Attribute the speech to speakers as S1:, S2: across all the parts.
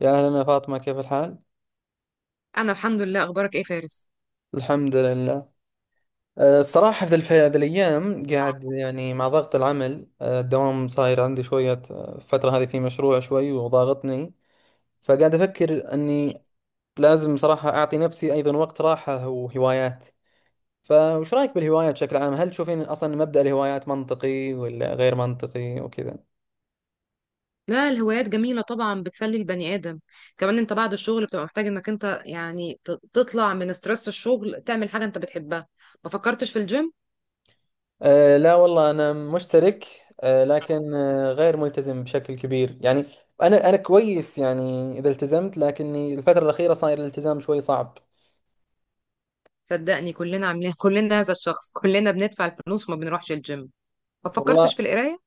S1: يا أهلا يا فاطمة، كيف الحال؟
S2: انا الحمد لله، اخبارك ايه فارس؟
S1: الحمد لله. الصراحة هذه الأيام قاعد يعني مع ضغط العمل، الدوام صاير عندي شوية. الفترة هذه في مشروع شوي وضاغطني، فقاعد أفكر أني لازم صراحة أعطي نفسي أيضا وقت راحة وهوايات. فوش رأيك بالهوايات بشكل عام؟ هل تشوفين أصلا مبدأ الهوايات منطقي ولا غير منطقي وكذا؟
S2: لا، الهوايات جميله طبعا، بتسلي البني ادم. كمان انت بعد الشغل بتبقى محتاج انك انت يعني تطلع من ستريس الشغل، تعمل حاجه انت بتحبها. ما فكرتش في الجيم؟
S1: لا والله، أنا مشترك، لكن غير ملتزم بشكل كبير يعني. أنا كويس يعني إذا التزمت، لكني الفترة الأخيرة صاير الالتزام شوي صعب.
S2: صدقني كلنا عاملين كلنا هذا الشخص، كلنا بندفع الفلوس وما بنروحش الجيم. ما فكرتش
S1: والله
S2: في القرايه؟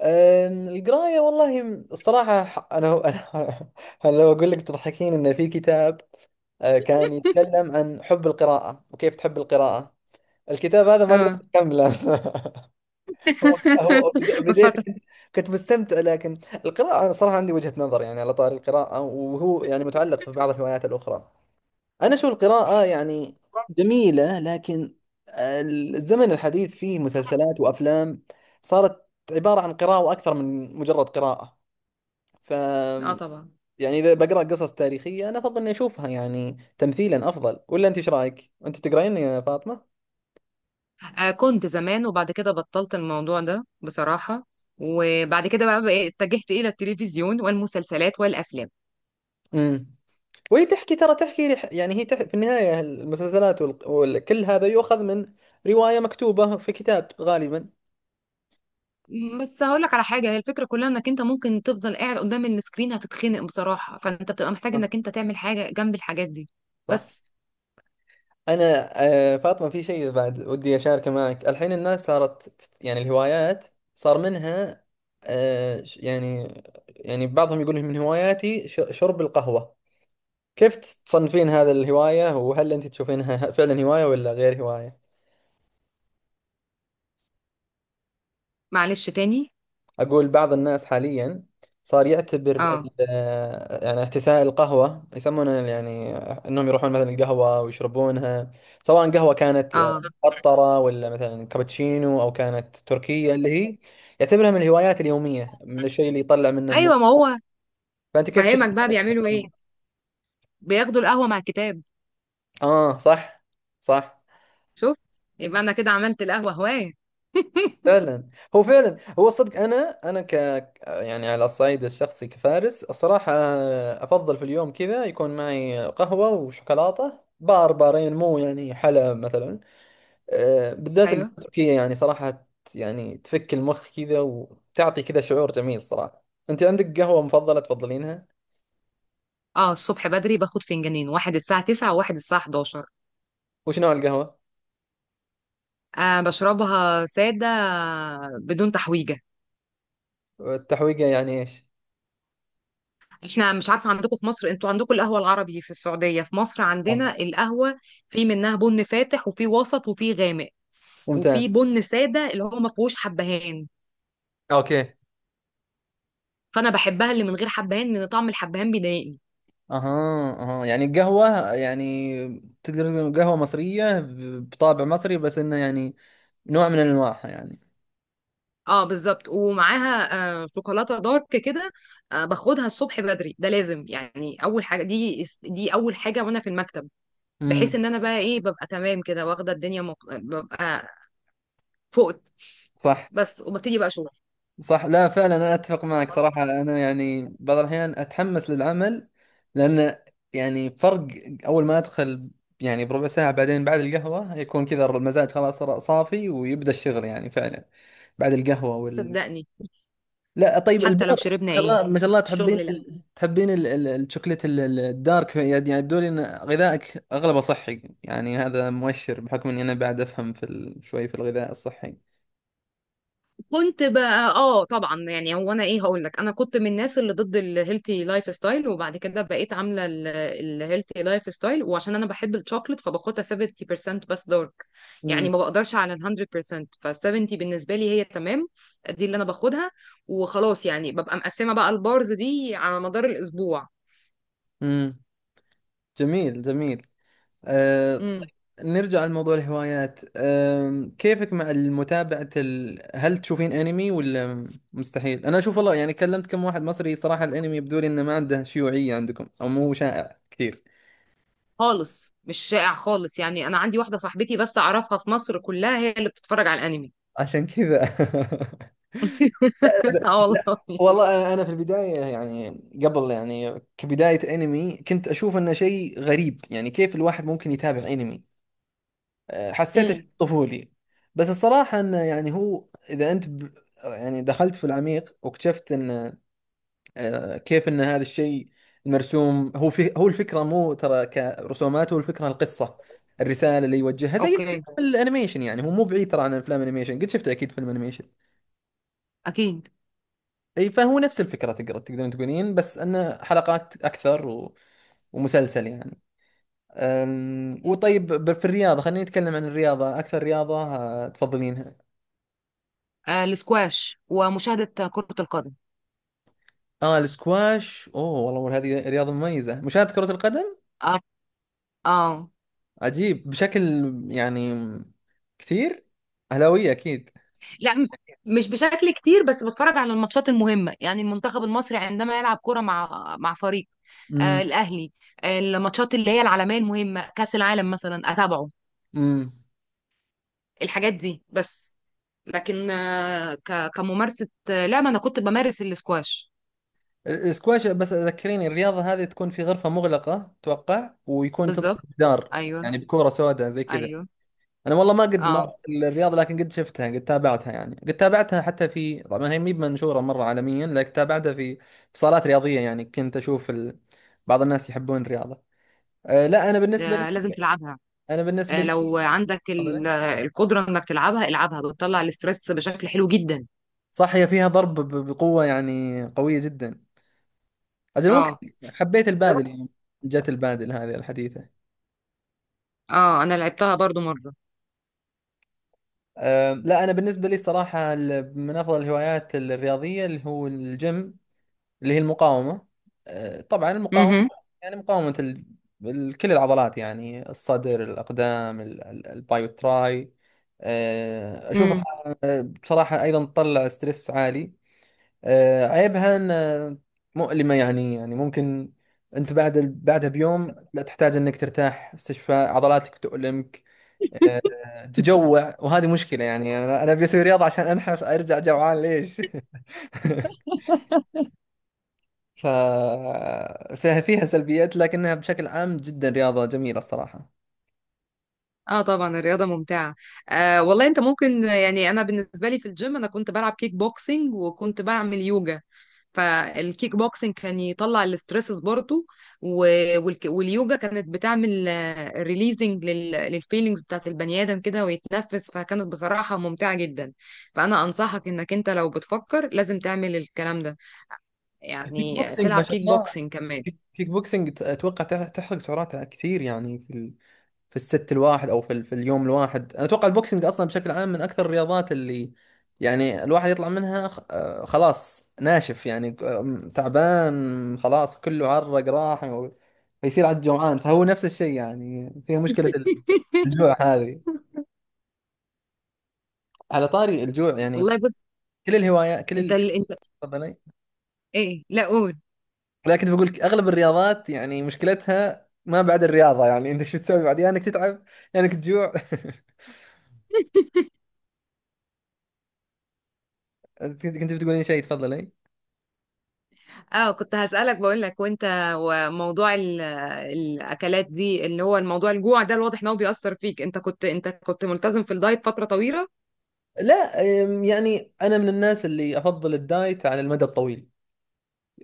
S1: القراية والله، الصراحة، أنا أنا لو أقول لك تضحكين، إن في كتاب كان يتكلم عن حب القراءة وكيف تحب القراءة، الكتاب هذا ما أقدر
S2: اه.
S1: أكمله
S2: ما
S1: بداية
S2: فاتك.
S1: كنت مستمتع، لكن القراءة أنا صراحة عندي وجهة نظر يعني على طاري القراءة، وهو يعني متعلق في بعض الهوايات الأخرى. أنا أشوف القراءة يعني جميلة، لكن الزمن الحديث فيه مسلسلات وأفلام صارت عبارة عن قراءة أكثر من مجرد قراءة. ف
S2: اه طبعا.
S1: يعني إذا بقرأ قصص تاريخية أنا أفضل إني أشوفها يعني تمثيلا أفضل. ولا أنت إيش رأيك؟ أنت تقرأين يا فاطمة؟
S2: آه كنت زمان، وبعد كده بطلت الموضوع ده بصراحه. وبعد كده بقى اتجهت الى التلفزيون والمسلسلات والافلام.
S1: امم. وهي تحكي، ترى تحكي يعني في النهاية المسلسلات كل هذا يؤخذ من رواية مكتوبة في كتاب غالبا.
S2: بس هقول لك على حاجه، هي الفكره كلها انك انت ممكن تفضل قاعد قدام السكرين، هتتخنق بصراحه، فانت بتبقى محتاج
S1: صح،
S2: انك انت تعمل حاجه جنب الحاجات دي.
S1: صح.
S2: بس.
S1: أنا فاطمة، في شيء بعد ودي أشاركه معك. الحين الناس صارت يعني الهوايات صار منها، يعني يعني بعضهم يقول من هواياتي شرب القهوة. كيف تصنفين هذا الهواية؟ وهل أنت تشوفينها فعلا هواية ولا غير هواية؟
S2: معلش، تاني؟
S1: أقول بعض الناس حاليا صار يعتبر
S2: اه.
S1: يعني احتساء القهوة، يسمونه يعني أنهم يروحون مثلا القهوة ويشربونها، سواء قهوة كانت
S2: اه.
S1: قطرة، ولا مثلا كابتشينو، أو كانت تركية، اللي هي يعتبرها من الهوايات اليومية، من الشيء اللي يطلع منه
S2: ايوه، ما هو
S1: فأنت كيف تشوف؟
S2: فاهمك. بقى بيعملوا ايه؟ بياخدوا القهوه مع الكتاب.
S1: صح، صح.
S2: شفت، يبقى انا كده عملت القهوه هوايه.
S1: فعلا هو، فعلا هو صدق. انا يعني على الصعيد الشخصي كفارس الصراحه، افضل في اليوم كذا يكون معي قهوه وشوكولاته بار بارين، مو يعني حلا مثلا. بالذات
S2: ايوه.
S1: التركيه يعني صراحه، يعني تفك المخ كذا وتعطي كذا شعور جميل صراحه. انت عندك قهوه مفضله تفضلينها؟
S2: اه الصبح بدري باخد فنجانين، واحد الساعه 9 وواحد الساعه 11.
S1: وش نوع القهوه؟
S2: آه بشربها ساده، بدون تحويجه.
S1: التحويقه يعني ايش؟
S2: احنا مش عارفه، عندكم في مصر انتوا عندكم القهوه العربي، في السعوديه، في مصر
S1: آه،
S2: عندنا القهوه، في منها بن فاتح وفي وسط وفي غامق، وفي
S1: ممتاز.
S2: بن ساده اللي هو ما فيهوش حبهان.
S1: اوكي.
S2: فانا بحبها اللي من غير حبهان لان طعم الحبهان بيضايقني.
S1: اها، اها، يعني القهوة يعني تقدر تقول قهوة مصرية بطابع مصري، بس انه يعني نوع من انواعها يعني.
S2: اه بالظبط، ومعاها آه شوكولاته دارك كده. آه باخدها الصبح بدري، ده لازم يعني اول حاجه، دي اول حاجه وانا في المكتب. بحيث
S1: امم.
S2: ان انا بقى ايه، ببقى تمام كده، واخده الدنيا ببقى فقت.
S1: صح،
S2: بس، وببتدي بقى شغل.
S1: صح. لا فعلا، انا اتفق معك صراحة. انا يعني بعض الاحيان اتحمس للعمل، لان يعني فرق اول ما ادخل، يعني بربع ساعة بعدين بعد القهوة يكون كذا المزاج خلاص صار صافي، ويبدأ الشغل يعني فعلا بعد القهوة.
S2: صدقني.
S1: لا طيب
S2: حتى
S1: البار،
S2: لو شربنا
S1: ما شاء
S2: ايه.
S1: الله، ما شاء الله. تحبين
S2: الشغل، لا.
S1: تحبين الشوكليت الدارك، يعني يبدو لي ان غذائك اغلبه صحي، يعني هذا مؤشر، بحكم اني انا بعد افهم في شوي في الغذاء الصحي.
S2: كنت بقى اه طبعا، يعني هو انا ايه هقول لك، انا كنت من الناس اللي ضد الهيلثي لايف ستايل، وبعد كده بقيت عامله الهيلثي لايف ستايل، وعشان انا بحب الشوكليت فباخدها 70% بس دارك. يعني
S1: امم،
S2: ما بقدرش على ال 100%، ف 70 بالنسبه لي هي تمام. دي اللي انا باخدها، وخلاص يعني ببقى مقسمه بقى البارز دي على مدار الاسبوع.
S1: امم، جميل، جميل. أه...
S2: امم
S1: نرجع لموضوع الهوايات. كيفك مع المتابعة هل تشوفين انمي، ولا مستحيل؟ انا اشوف والله، يعني كلمت كم واحد مصري صراحة، الانمي يبدو لي انه ما عنده شيوعية عندكم، او مو شائع كثير
S2: خالص، مش شائع خالص، يعني انا عندي واحده صاحبتي بس اعرفها في مصر كلها هي اللي بتتفرج على الانمي.
S1: عشان كذا.
S2: اه
S1: لا
S2: والله.
S1: والله، أنا في البدايه، يعني قبل، يعني كبدايه انمي كنت اشوف انه شيء غريب، يعني كيف الواحد ممكن يتابع انمي؟ حسيته شيء
S2: امم
S1: طفولي. بس الصراحه انه يعني هو اذا يعني دخلت في العميق، واكتشفت ان، كيف ان هذا الشيء المرسوم، هو الفكره، مو ترى كرسومات، هو الفكره القصه، الرساله اللي يوجهها، زي
S2: اوكي،
S1: الانيميشن. يعني هو مو بعيد ترى عن افلام انيميشن، قد شفت اكيد فيلم انيميشن.
S2: اكيد.
S1: اي فهو نفس الفكرة، تقدر تقدرون تقولين، بس انه حلقات اكثر، ومسلسل يعني. وطيب، في الرياضة، خلينا نتكلم عن الرياضة. اكثر رياضة تفضلينها؟
S2: آه الاسكواش، ومشاهده كره القدم.
S1: اه السكواش، اوه والله، والله هذه رياضة مميزة. مشاهدة كرة القدم
S2: اه. اه.
S1: عجيب بشكل يعني كثير. اهلاوية اكيد.
S2: لا، مش بشكل كتير، بس بتفرج على الماتشات المهمه، يعني المنتخب المصري عندما يلعب كره مع فريق آه
S1: امم،
S2: الاهلي. آه الماتشات اللي هي العالميه المهمه، كاس العالم مثلا اتابعه.
S1: امم.
S2: الحاجات دي بس. لكن كممارسه، لعبه، انا كنت بمارس الاسكواش.
S1: السكواش، بس ذكريني، الرياضة هذه تكون في غرفة مغلقة، توقع ويكون تضرب
S2: بالظبط.
S1: جدار
S2: ايوه.
S1: يعني بكورة سوداء زي كذا؟
S2: ايوه.
S1: انا والله ما قد
S2: اه.
S1: مارست الرياضه، لكن قد شفتها، قد تابعتها. يعني قد تابعتها حتى، في طبعا هي مي منشوره مره عالميا، لكن تابعتها في في صالات رياضيه. يعني كنت اشوف بعض الناس يحبون الرياضه. لا، انا بالنسبه لي،
S2: آه، لازم تلعبها.
S1: انا بالنسبه
S2: آه، لو
S1: لي،
S2: عندك
S1: تفضل.
S2: القدرة انك تلعبها العبها، بتطلع الاسترس بشكل حلو جدا.
S1: صح، هي فيها ضرب بقوه يعني، قويه جدا. اجل ممكن
S2: اه.
S1: حبيت البادل يعني، جت البادل هذه الحديثه.
S2: اه. انا لعبتها برضو مرة.
S1: لا، انا بالنسبه لي الصراحه من افضل الهوايات الرياضيه اللي هو الجيم، اللي هي المقاومة. طبعا المقاومة
S2: مهم.
S1: يعني مقاومة كل العضلات، يعني الصدر، الأقدام، الباي والتراي. أشوفها
S2: مم.
S1: بصراحة أيضا تطلع ستريس عالي. عيبها أن مؤلمة يعني، يعني ممكن أنت بعد بعدها بيوم لا تحتاج أنك ترتاح، استشفاء، عضلاتك تؤلمك. تجوع، وهذه مشكلة. يعني أنا أبي أسوي رياضة عشان أنحف، أرجع جوعان ليش؟ ف فيها، فيها سلبيات، لكنها بشكل عام جدا رياضة جميلة الصراحة.
S2: اه طبعا، الرياضة ممتعة. آه والله، انت ممكن يعني انا بالنسبة لي في الجيم انا كنت بلعب كيك بوكسينج، وكنت بعمل يوجا. فالكيك بوكسينج كان يطلع الاسترسز برضو، واليوجا كانت بتعمل ريليزنج للفيلينجز بتاعت البني ادم كده ويتنفس. فكانت بصراحة ممتعة جدا. فانا انصحك انك انت لو بتفكر لازم تعمل الكلام ده،
S1: كيك
S2: يعني
S1: بوكسينج، ما
S2: تلعب
S1: شاء
S2: كيك
S1: الله.
S2: بوكسينج كمان.
S1: كيك، اتوقع تحرق سعراتها كثير. يعني في في الست الواحد، او في في اليوم الواحد، انا اتوقع البوكسينج اصلا بشكل عام من اكثر الرياضات اللي يعني الواحد يطلع منها خ... آه، خلاص ناشف يعني، تعبان خلاص، كله عرق راح، فيصير عاد جوعان، فهو نفس الشيء، يعني فيها مشكلة الجوع هذه. على طاري الجوع يعني،
S2: والله بص،
S1: كل الهوايات،
S2: انت.
S1: تفضلي.
S2: ايه، لا، قول.
S1: لكن بقول لك اغلب الرياضات يعني مشكلتها ما بعد الرياضه، يعني انت شو تسوي بعد، يا انك تتعب يا انك تجوع. كنت بتقولين شيء، تفضلي.
S2: اه كنت هسألك، بقول لك وانت، وموضوع الاكلات دي اللي هو الموضوع الجوع ده، الواضح ان هو بيأثر فيك، انت كنت ملتزم في الدايت فترة طويلة؟
S1: لا يعني انا من الناس اللي افضل الدايت على المدى الطويل.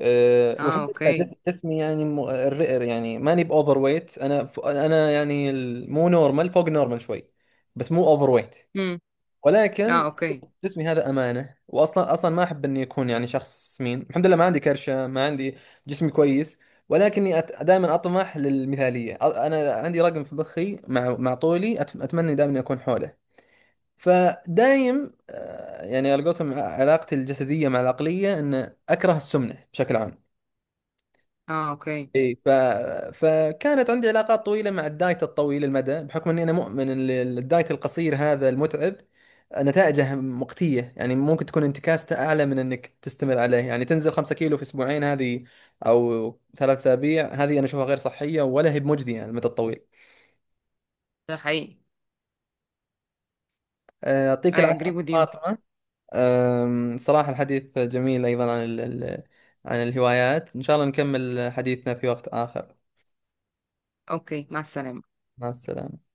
S2: اه
S1: والحمد لله،
S2: اوكي.
S1: جسمي يعني، يعني ماني باوفر ويت، انا انا يعني مو نورمال، فوق النورمال شوي، بس مو اوفر ويت،
S2: امم اه
S1: ولكن
S2: اوكي.
S1: جسمي هذا امانه. واصلا اصلا ما احب اني اكون يعني شخص سمين. الحمد لله ما عندي كرشه، ما عندي، جسمي كويس. ولكني دائما اطمح للمثاليه. انا عندي رقم في مخي مع مع طولي اتمنى دائما اني اكون حوله. فدايم يعني على قولتهم، علاقتي الجسديه مع العقليه ان اكره السمنه بشكل عام.
S2: اه اوكي.
S1: اي فكانت عندي علاقات طويله مع الدايت الطويل المدى، بحكم اني انا مؤمن ان الدايت القصير هذا المتعب نتائجه مقتيه، يعني ممكن تكون انتكاسته اعلى من انك تستمر عليه. يعني تنزل 5 كيلو في اسبوعين هذه، او ثلاث اسابيع هذه، انا اشوفها غير صحيه، ولا هي بمجديه على المدى الطويل.
S2: ده حقيقي.
S1: يعطيك
S2: I agree
S1: العافيه
S2: with you.
S1: فاطمه. صراحه الحديث جميل ايضا عن عن الهوايات. ان شاء الله نكمل حديثنا في وقت اخر.
S2: اوكي، مع السلامة.
S1: مع السلامه.